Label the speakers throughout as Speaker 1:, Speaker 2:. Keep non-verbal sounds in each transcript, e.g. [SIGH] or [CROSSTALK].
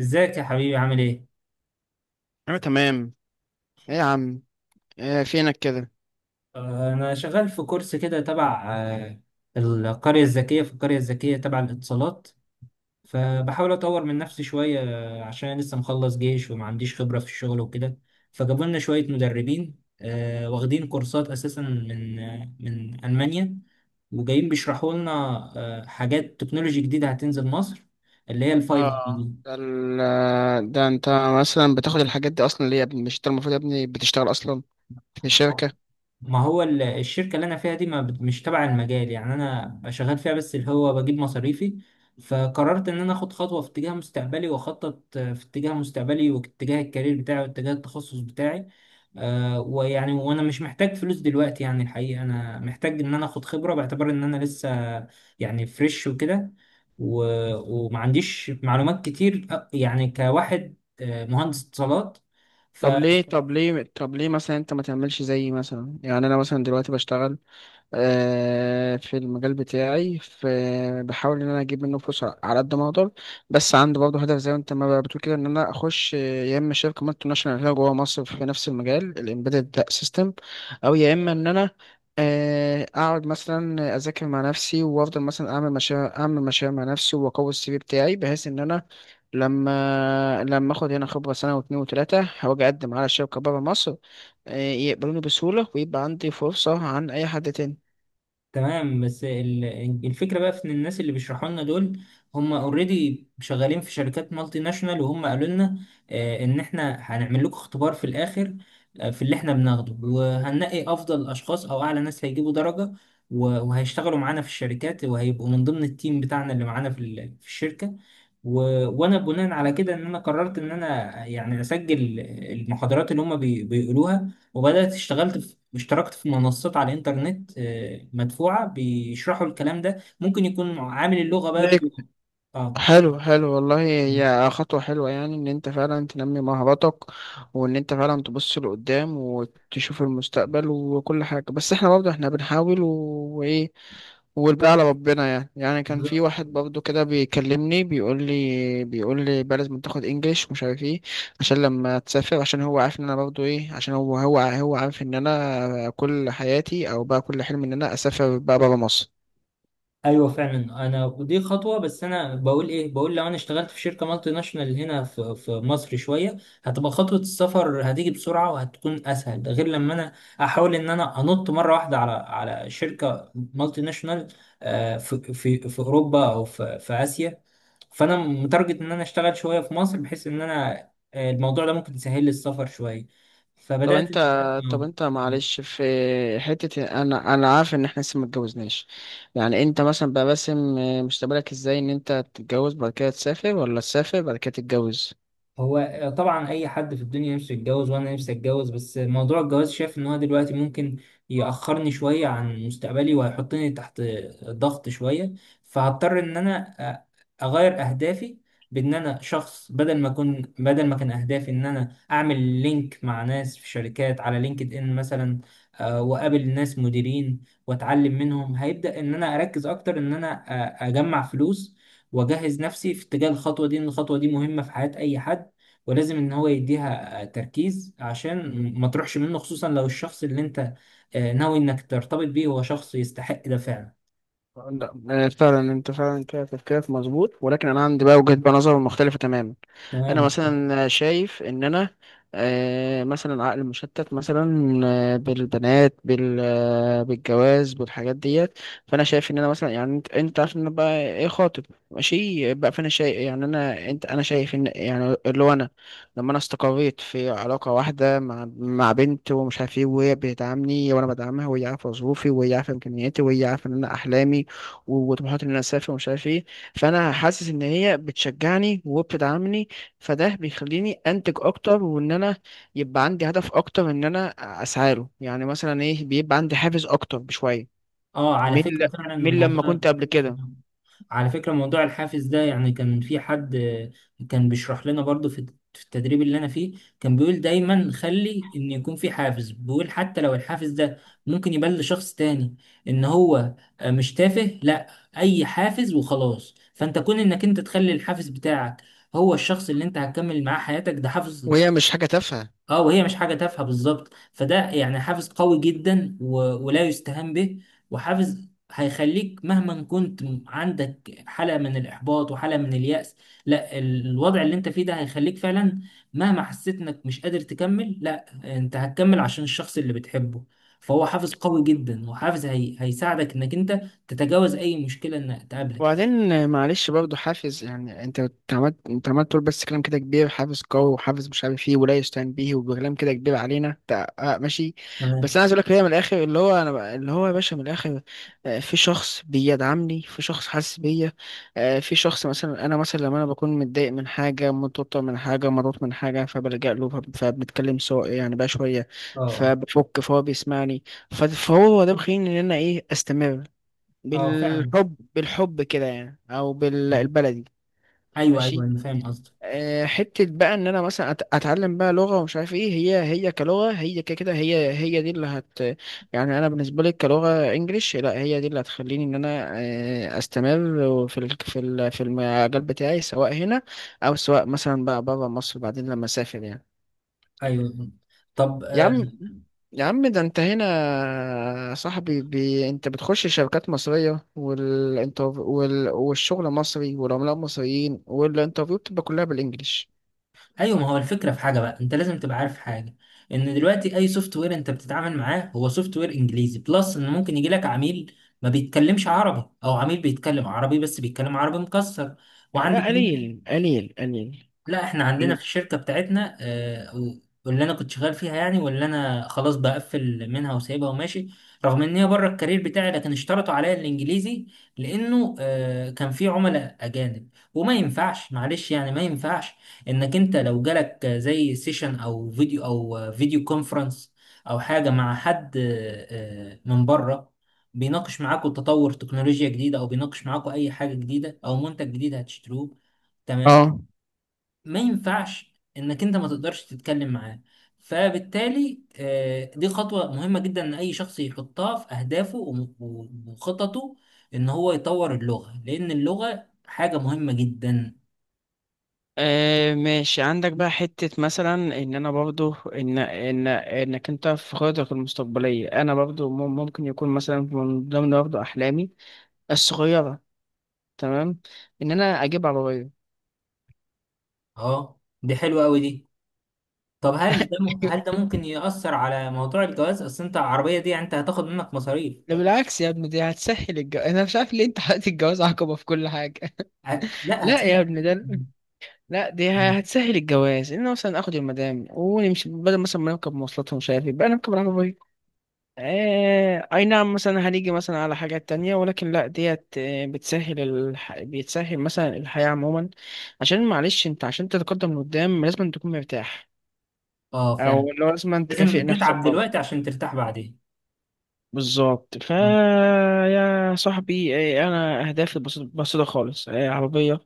Speaker 1: ازيك يا حبيبي؟ عامل ايه؟
Speaker 2: انا تمام. ايه يا عم؟ إيه فينك كده؟
Speaker 1: انا شغال في كورس كده تبع القرية الذكية. في القرية الذكية تبع الاتصالات، فبحاول اطور من نفسي شوية. عشان أنا لسه مخلص جيش وما عنديش خبرة في الشغل وكده، فجابوا لنا شوية مدربين واخدين كورسات اساسا من من المانيا، وجايين بيشرحوا لنا حاجات تكنولوجي جديدة هتنزل مصر، اللي هي الفايف
Speaker 2: اه،
Speaker 1: جي.
Speaker 2: ده ال ده انت مثلا بتاخد الحاجات دي اصلا ليه يا ابني؟ مش انت المفروض يا ابني بتشتغل اصلا
Speaker 1: دي
Speaker 2: في الشركة؟
Speaker 1: ما هو ال- الشركة اللي أنا فيها دي ما بت- مش تبع المجال، يعني أنا شغال فيها بس اللي هو بجيب مصاريفي، فقررت إن أنا آخد خطوة في اتجاه مستقبلي وأخطط في اتجاه مستقبلي واتجاه الكارير بتاعي واتجاه التخصص بتاعي. آه، ويعني وأنا مش محتاج فلوس دلوقتي، يعني الحقيقة أنا محتاج إن أنا آخد خبرة باعتبار إن أنا لسه يعني فريش وكده، و- ومعنديش معلومات كتير. يعني كواحد مهندس اتصالات.
Speaker 2: طب ليه مثلا انت ما تعملش زيي؟ مثلا يعني انا مثلا دلوقتي بشتغل في المجال بتاعي، بحاول ان انا اجيب منه فلوس على قد ما اقدر، بس عندي برضه هدف زي ما انت ما بتقول كده ان انا اخش، يا اما شركه مالتي ناشونال هنا جوه مصر في نفس المجال الامبيدد سيستم، او يا اما ان انا اقعد مثلا اذاكر مع نفسي وافضل مثلا اعمل مشاريع اعمل مشاريع مع نفسي واقوي السي في بتاعي، بحيث ان انا لما اخد هنا خبره سنه واتنين وتلاته هواجي اقدم على شركه بره مصر، يقبلوني بسهوله ويبقى عندي فرصه عن اي حد تاني.
Speaker 1: تمام، بس الفكرة بقى في ان الناس اللي بيشرحوا لنا دول هم اوريدي شغالين في شركات مالتي ناشونال، وهم قالوا لنا ان احنا هنعمل لكم اختبار في الاخر في اللي احنا بناخده، وهننقي افضل اشخاص او اعلى ناس هيجيبوا درجة، و- وهيشتغلوا معانا في الشركات، وهيبقوا من ضمن التيم بتاعنا اللي معانا في الشركة. و... وانا بناء على كده ان انا قررت ان انا يعني اسجل المحاضرات اللي هم بيقولوها، وبدأت اشتغلت في اشتركت في منصات على الإنترنت مدفوعة بيشرحوا الكلام ده، ممكن يكون عامل اللغة
Speaker 2: ليك.
Speaker 1: برضه. اه،
Speaker 2: حلو حلو والله، هي خطوة حلوة يعني، إن أنت فعلا تنمي مهاراتك وإن أنت فعلا تبص لقدام وتشوف المستقبل وكل حاجة، بس إحنا برضه إحنا بنحاول و- وإيه، والباقي على ربنا. يعني كان في واحد برضه كده بيكلمني، بيقول لي بقى لازم تاخد إنجليش ومش عارف إيه عشان لما تسافر، عشان هو عارف إن أنا برضه إيه، عشان هو عارف إن أنا كل حياتي، أو بقى كل حلم إن أنا أسافر بقى برا مصر.
Speaker 1: ايوه فعلا، انا ودي خطوه، بس انا بقول ايه، بقول لو انا اشتغلت في شركه مالتي ناشونال هنا في مصر شويه، هتبقى خطوه السفر هتيجي بسرعه وهتكون اسهل، ده غير لما انا احاول ان انا انط مره واحده على شركه مالتي ناشونال في اوروبا او في اسيا. فانا متارجت ان انا اشتغل شويه في مصر بحيث ان انا الموضوع ده ممكن يسهل لي السفر شويه.
Speaker 2: طب
Speaker 1: فبدات
Speaker 2: انت،
Speaker 1: إن أنا- آه.
Speaker 2: معلش، في حتة، انا عارف ان احنا لسه ما اتجوزناش، يعني انت مثلا بقى باسم مستقبلك ازاي، ان انت تتجوز بعد كده تسافر ولا تسافر بعد كده تتجوز؟
Speaker 1: هو طبعا اي حد في الدنيا نفسه يتجوز، وانا نفسي اتجوز، بس موضوع الجواز شايف ان هو دلوقتي ممكن يأخرني شوية عن مستقبلي، وهيحطني تحت ضغط شوية. فهضطر ان انا اغير اهدافي، بان انا شخص بدل ما اكون، بدل ما كان اهدافي ان انا اعمل لينك مع ناس في شركات على لينكد ان مثلا، واقابل ناس مديرين واتعلم منهم، هيبدأ ان انا اركز اكتر ان انا اجمع فلوس واجهز نفسي في اتجاه الخطوة دي، ان الخطوة دي مهمة في حياة اي حد، ولازم ان هو يديها تركيز عشان ما تروحش منه، خصوصا لو الشخص اللي انت ناوي انك ترتبط بيه هو شخص يستحق ده فعلا.
Speaker 2: لا فعلا انت فعلا كده تفكيرك مظبوط، ولكن انا عندي بقى وجهة بقى نظر مختلفة تماما. انا
Speaker 1: تمام.
Speaker 2: مثلا شايف ان انا مثلا عقل مشتت مثلا بالبنات، بالجواز بالحاجات ديت. فانا شايف ان انا مثلا، يعني انت عارف ان انا بقى ايه، خاطب، ماشي بقى. فانا شايف، يعني انا شايف ان يعني اللي هو انا لما انا استقريت في علاقة واحدة مع بنت ومش عارف ايه، وهي بتدعمني وانا بدعمها، وهي عارفة ظروفي وهي عارفة امكانياتي وهي عارفة ان انا احلامي وطموحات ان انا اسافر ومش عارف ايه، فانا حاسس ان هي بتشجعني وبتدعمني، فده بيخليني انتج اكتر وان انا يبقى عندي هدف اكتر ان انا اسعى له، يعني مثلا ايه، بيبقى عندي حافز اكتر بشويه
Speaker 1: اه على
Speaker 2: من ل-
Speaker 1: فكرة فعلا
Speaker 2: من لما
Speaker 1: الموضوع،
Speaker 2: كنت قبل كده.
Speaker 1: على فكرة موضوع الحافز ده، يعني كان في حد كان بيشرح لنا برضو في في التدريب اللي انا فيه، كان بيقول دايما خلي ان يكون في حافز، بيقول حتى لو الحافز ده ممكن يبان لشخص تاني ان هو مش تافه، لا، اي حافز وخلاص. فانت كون انك انت تخلي الحافز بتاعك هو الشخص اللي انت هتكمل معاه حياتك، ده حافز.
Speaker 2: وهي مش حاجه تافهه.
Speaker 1: اه، وهي مش حاجة تافهة بالظبط، فده يعني حافز قوي جدا ولا يستهان به، وحافز هيخليك مهما كنت عندك حالة من الإحباط وحالة من اليأس، لا، الوضع اللي انت فيه ده هيخليك فعلا مهما حسيت انك مش قادر تكمل، لا انت هتكمل عشان الشخص اللي بتحبه، فهو حافز قوي جدا، وحافز هيساعدك انك انت تتجاوز اي مشكلة انها تقابلك.
Speaker 2: وبعدين معلش برضه حافز، يعني انت عملت تقول بس كلام كده كبير، حافز قوي وحافز مش عارف ايه ولا يستهان به، وكلام كده كبير علينا انت، اه ماشي. بس
Speaker 1: تمام.
Speaker 2: انا عايز اقول لك هي من الاخر، اللي هو اللي هو يا باشا من الاخر، اه، في شخص بيدعمني، في شخص حاسس بيا، اه، في شخص مثلا انا مثلا لما انا بكون متضايق من حاجه، متوتر من حاجه، مضغوط من حاجه، فبلجأ له، فبنتكلم سوا يعني بقى شويه،
Speaker 1: اه اه
Speaker 2: فبفك، فهو بيسمعني، فهو ده مخليني ان انا ايه، استمر،
Speaker 1: اه فعلا.
Speaker 2: بالحب بالحب كده يعني، او
Speaker 1: آه.
Speaker 2: بالبلدي.
Speaker 1: ايوه ايوه،
Speaker 2: ماشي.
Speaker 1: انا فاهم قصدك.
Speaker 2: حتة بقى ان انا مثلا اتعلم بقى لغة ومش عارف ايه، هي كلغة، هي كده كده، هي دي اللي يعني، انا بالنسبة لي كلغة انجليش، لا هي دي اللي هتخليني ان انا استمر في المجال بتاعي، سواء هنا او سواء مثلا بقى بره مصر بعدين لما اسافر يعني.
Speaker 1: ايوه. طب
Speaker 2: يا عم، ده انت هنا يا صاحبي، انت بتخش شركات مصرية، والشغل مصري والعملاء مصريين والانترفيو بتبقى كلها بالانجلش.
Speaker 1: ايوه ما هو الفكره في حاجه بقى انت لازم تبقى عارف حاجه، ان دلوقتي اي سوفت وير انت بتتعامل معاه هو سوفت وير انجليزي، بلس ان ممكن يجي لك عميل ما بيتكلمش عربي، او عميل بيتكلم عربي بس بيتكلم عربي مكسر. وعندك،
Speaker 2: لا قليل قليل قليل.
Speaker 1: لا احنا عندنا في الشركة بتاعتنا آه، و- واللي انا كنت شغال فيها، يعني واللي انا خلاص بقفل منها وسايبها وماشي، رغم ان هي بره الكارير بتاعي، لكن اشترطوا عليا الانجليزي لانه كان في عملاء اجانب، وما ينفعش، معلش يعني ما ينفعش انك انت لو جالك زي سيشن او فيديو او فيديو كونفرنس او حاجة مع حد، من بره بيناقش معاكوا تطور تكنولوجيا جديدة، او بيناقش معاكوا اي حاجة جديدة او منتج جديد هتشتروه. تمام.
Speaker 2: اه.
Speaker 1: ما ينفعش انك انت ما تقدرش تتكلم معاه. فبالتالي دي خطوة مهمة جدا ان اي شخص يحطها في اهدافه وخططه، ان هو يطور اللغة، لان اللغة حاجة مهمة جدا.
Speaker 2: آه ماشي، عندك بقى حتة مثلا، ان انا برضو ان انك انت في خططك المستقبلية انا برضو ممكن يكون مثلا من ضمن برضو احلامي الصغيرة، تمام، ان انا اجيب عربية.
Speaker 1: اه، دي حلوة قوي دي. طب هل هل ده
Speaker 2: [LAUGHS]
Speaker 1: ممكن يأثر على موضوع الجواز؟ اصل انت العربية دي يعني انت هتاخد منك مصاريف.
Speaker 2: ده بالعكس يا ابني، دي هتسهل الجواز. انا مش عارف ليه انت حاطط الجواز عقبة في كل حاجة.
Speaker 1: أ- لا
Speaker 2: [LAUGHS]
Speaker 1: هت
Speaker 2: لا يا ابني ده، لا دي هتسهل الجواز، ان أنا مثلا اخد المدام ونمشي، بدل مثلا ما نركب مواصلات ومش عارف إيه، بقى نركب العربية. اي نعم، مثلا هنيجي مثلا على حاجات تانية، ولكن لا ديت بتسهل بتسهل مثلا الحياة عموما، عشان معلش انت عشان تتقدم لقدام لازم تكون مرتاح،
Speaker 1: اه فعلا،
Speaker 2: او لو لازم تكافئ
Speaker 1: لازم تتعب
Speaker 2: نفسك.
Speaker 1: دلوقتي عشان ترتاح بعدين.
Speaker 2: بالظبط.
Speaker 1: آه.
Speaker 2: يا صاحبي، انا اهدافي بسيطه بسيطة خالص: عربيه،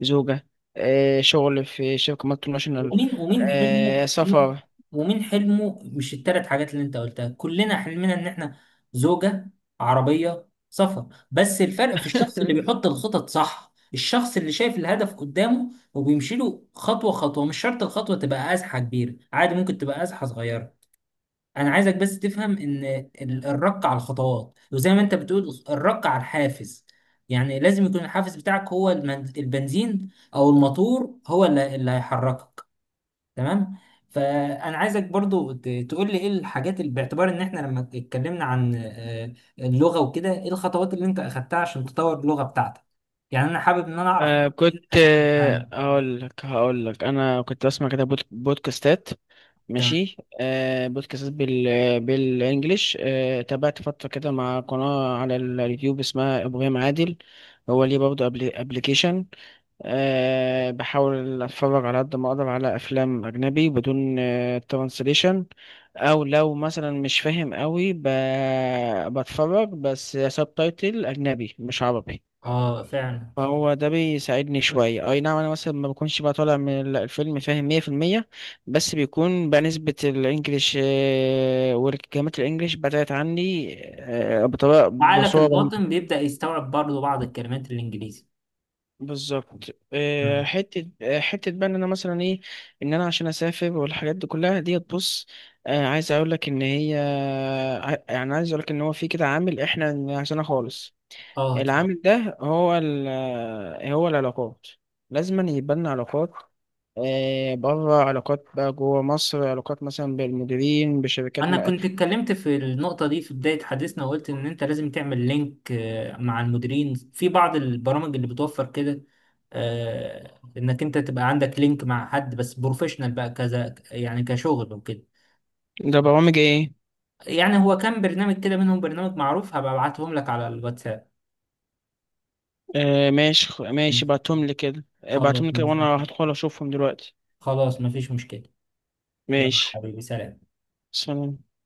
Speaker 2: زوجه، شغل في شركه مالتي ناشونال،
Speaker 1: ومين ومين حلمه؟
Speaker 2: سفر.
Speaker 1: ومين حلمه؟ مش التلات حاجات اللي انت قلتها كلنا حلمنا ان احنا زوجة، عربية، سفر، بس الفرق في الشخص اللي
Speaker 2: [LAUGHS]
Speaker 1: بيحط الخطط صح، الشخص اللي شايف الهدف قدامه وبيمشي له خطوة خطوة، مش شرط الخطوة تبقى أزحة كبيرة، عادي ممكن تبقى أزحة صغيرة. أنا عايزك بس تفهم إن الرق على الخطوات، وزي ما أنت بتقول، الرق على الحافز، يعني لازم يكون الحافز بتاعك هو البنزين أو الموتور، هو اللي هيحركك. تمام. فانا عايزك برضو تقول لي ايه الحاجات اللي باعتبار ان احنا لما اتكلمنا عن اللغه وكده، ايه الخطوات اللي انت اخدتها عشان تطور اللغه بتاعتك، يعني انا حابب ان انا اعرف
Speaker 2: كنت
Speaker 1: إيه كذا حاجه عنها.
Speaker 2: هقول لك انا كنت بسمع كده بودكاستات.
Speaker 1: تمام.
Speaker 2: ماشي، بودكاستات بالانجلش، تابعت فتره كده مع قناه على اليوتيوب اسمها ابراهيم عادل. هو ليه برضه ابليكيشن. أه، بحاول اتفرج على قد ما اقدر على افلام اجنبي بدون ترانسليشن، او لو مثلا مش فاهم قوي بتفرج بس سبتايتل اجنبي مش عربي.
Speaker 1: اه فعلا،
Speaker 2: فهو ده بيساعدني شوية. أي نعم، أنا مثلا ما بكونش بقى طالع من الفيلم فاهم 100%، بس بيكون بقى نسبة الإنجليش والكلمات الإنجليش بدأت عني بطريقة
Speaker 1: وعقلك
Speaker 2: بصورة.
Speaker 1: الباطن بيبدا يستوعب برضو بعض الكلمات الانجليزي.
Speaker 2: بالظبط.
Speaker 1: تمام.
Speaker 2: حتة بقى ان انا مثلا ايه، ان انا عشان اسافر والحاجات دي كلها ديت، بص، عايز اقول لك ان هي، يعني عايز اقول لك ان هو في كده عامل احنا نسيناه خالص.
Speaker 1: اه
Speaker 2: العامل ده هو هو العلاقات. لازم يبقى لنا علاقات بره، علاقات بقى جوه مصر، علاقات مثلا بالمديرين بشركات
Speaker 1: انا
Speaker 2: ما.
Speaker 1: كنت اتكلمت في النقطه دي في بدايه حديثنا، وقلت ان انت لازم تعمل لينك مع المديرين في بعض البرامج اللي بتوفر كده انك انت تبقى عندك لينك مع حد بس بروفيشنال بقى، كذا يعني كشغل وكده.
Speaker 2: ده برامج ايه؟
Speaker 1: يعني هو كان برنامج كده منهم، برنامج معروف، هبقى ابعتهم لك على الواتساب.
Speaker 2: ماشي. ماشي،
Speaker 1: ماشي.
Speaker 2: بعتهم لي كده.
Speaker 1: خلاص
Speaker 2: بعتهم لي كده وانا
Speaker 1: ماشي.
Speaker 2: هدخل اشوفهم دلوقتي.
Speaker 1: خلاص مفيش مشكله. يلا
Speaker 2: ماشي.
Speaker 1: حبيبي، سلام.
Speaker 2: سلام.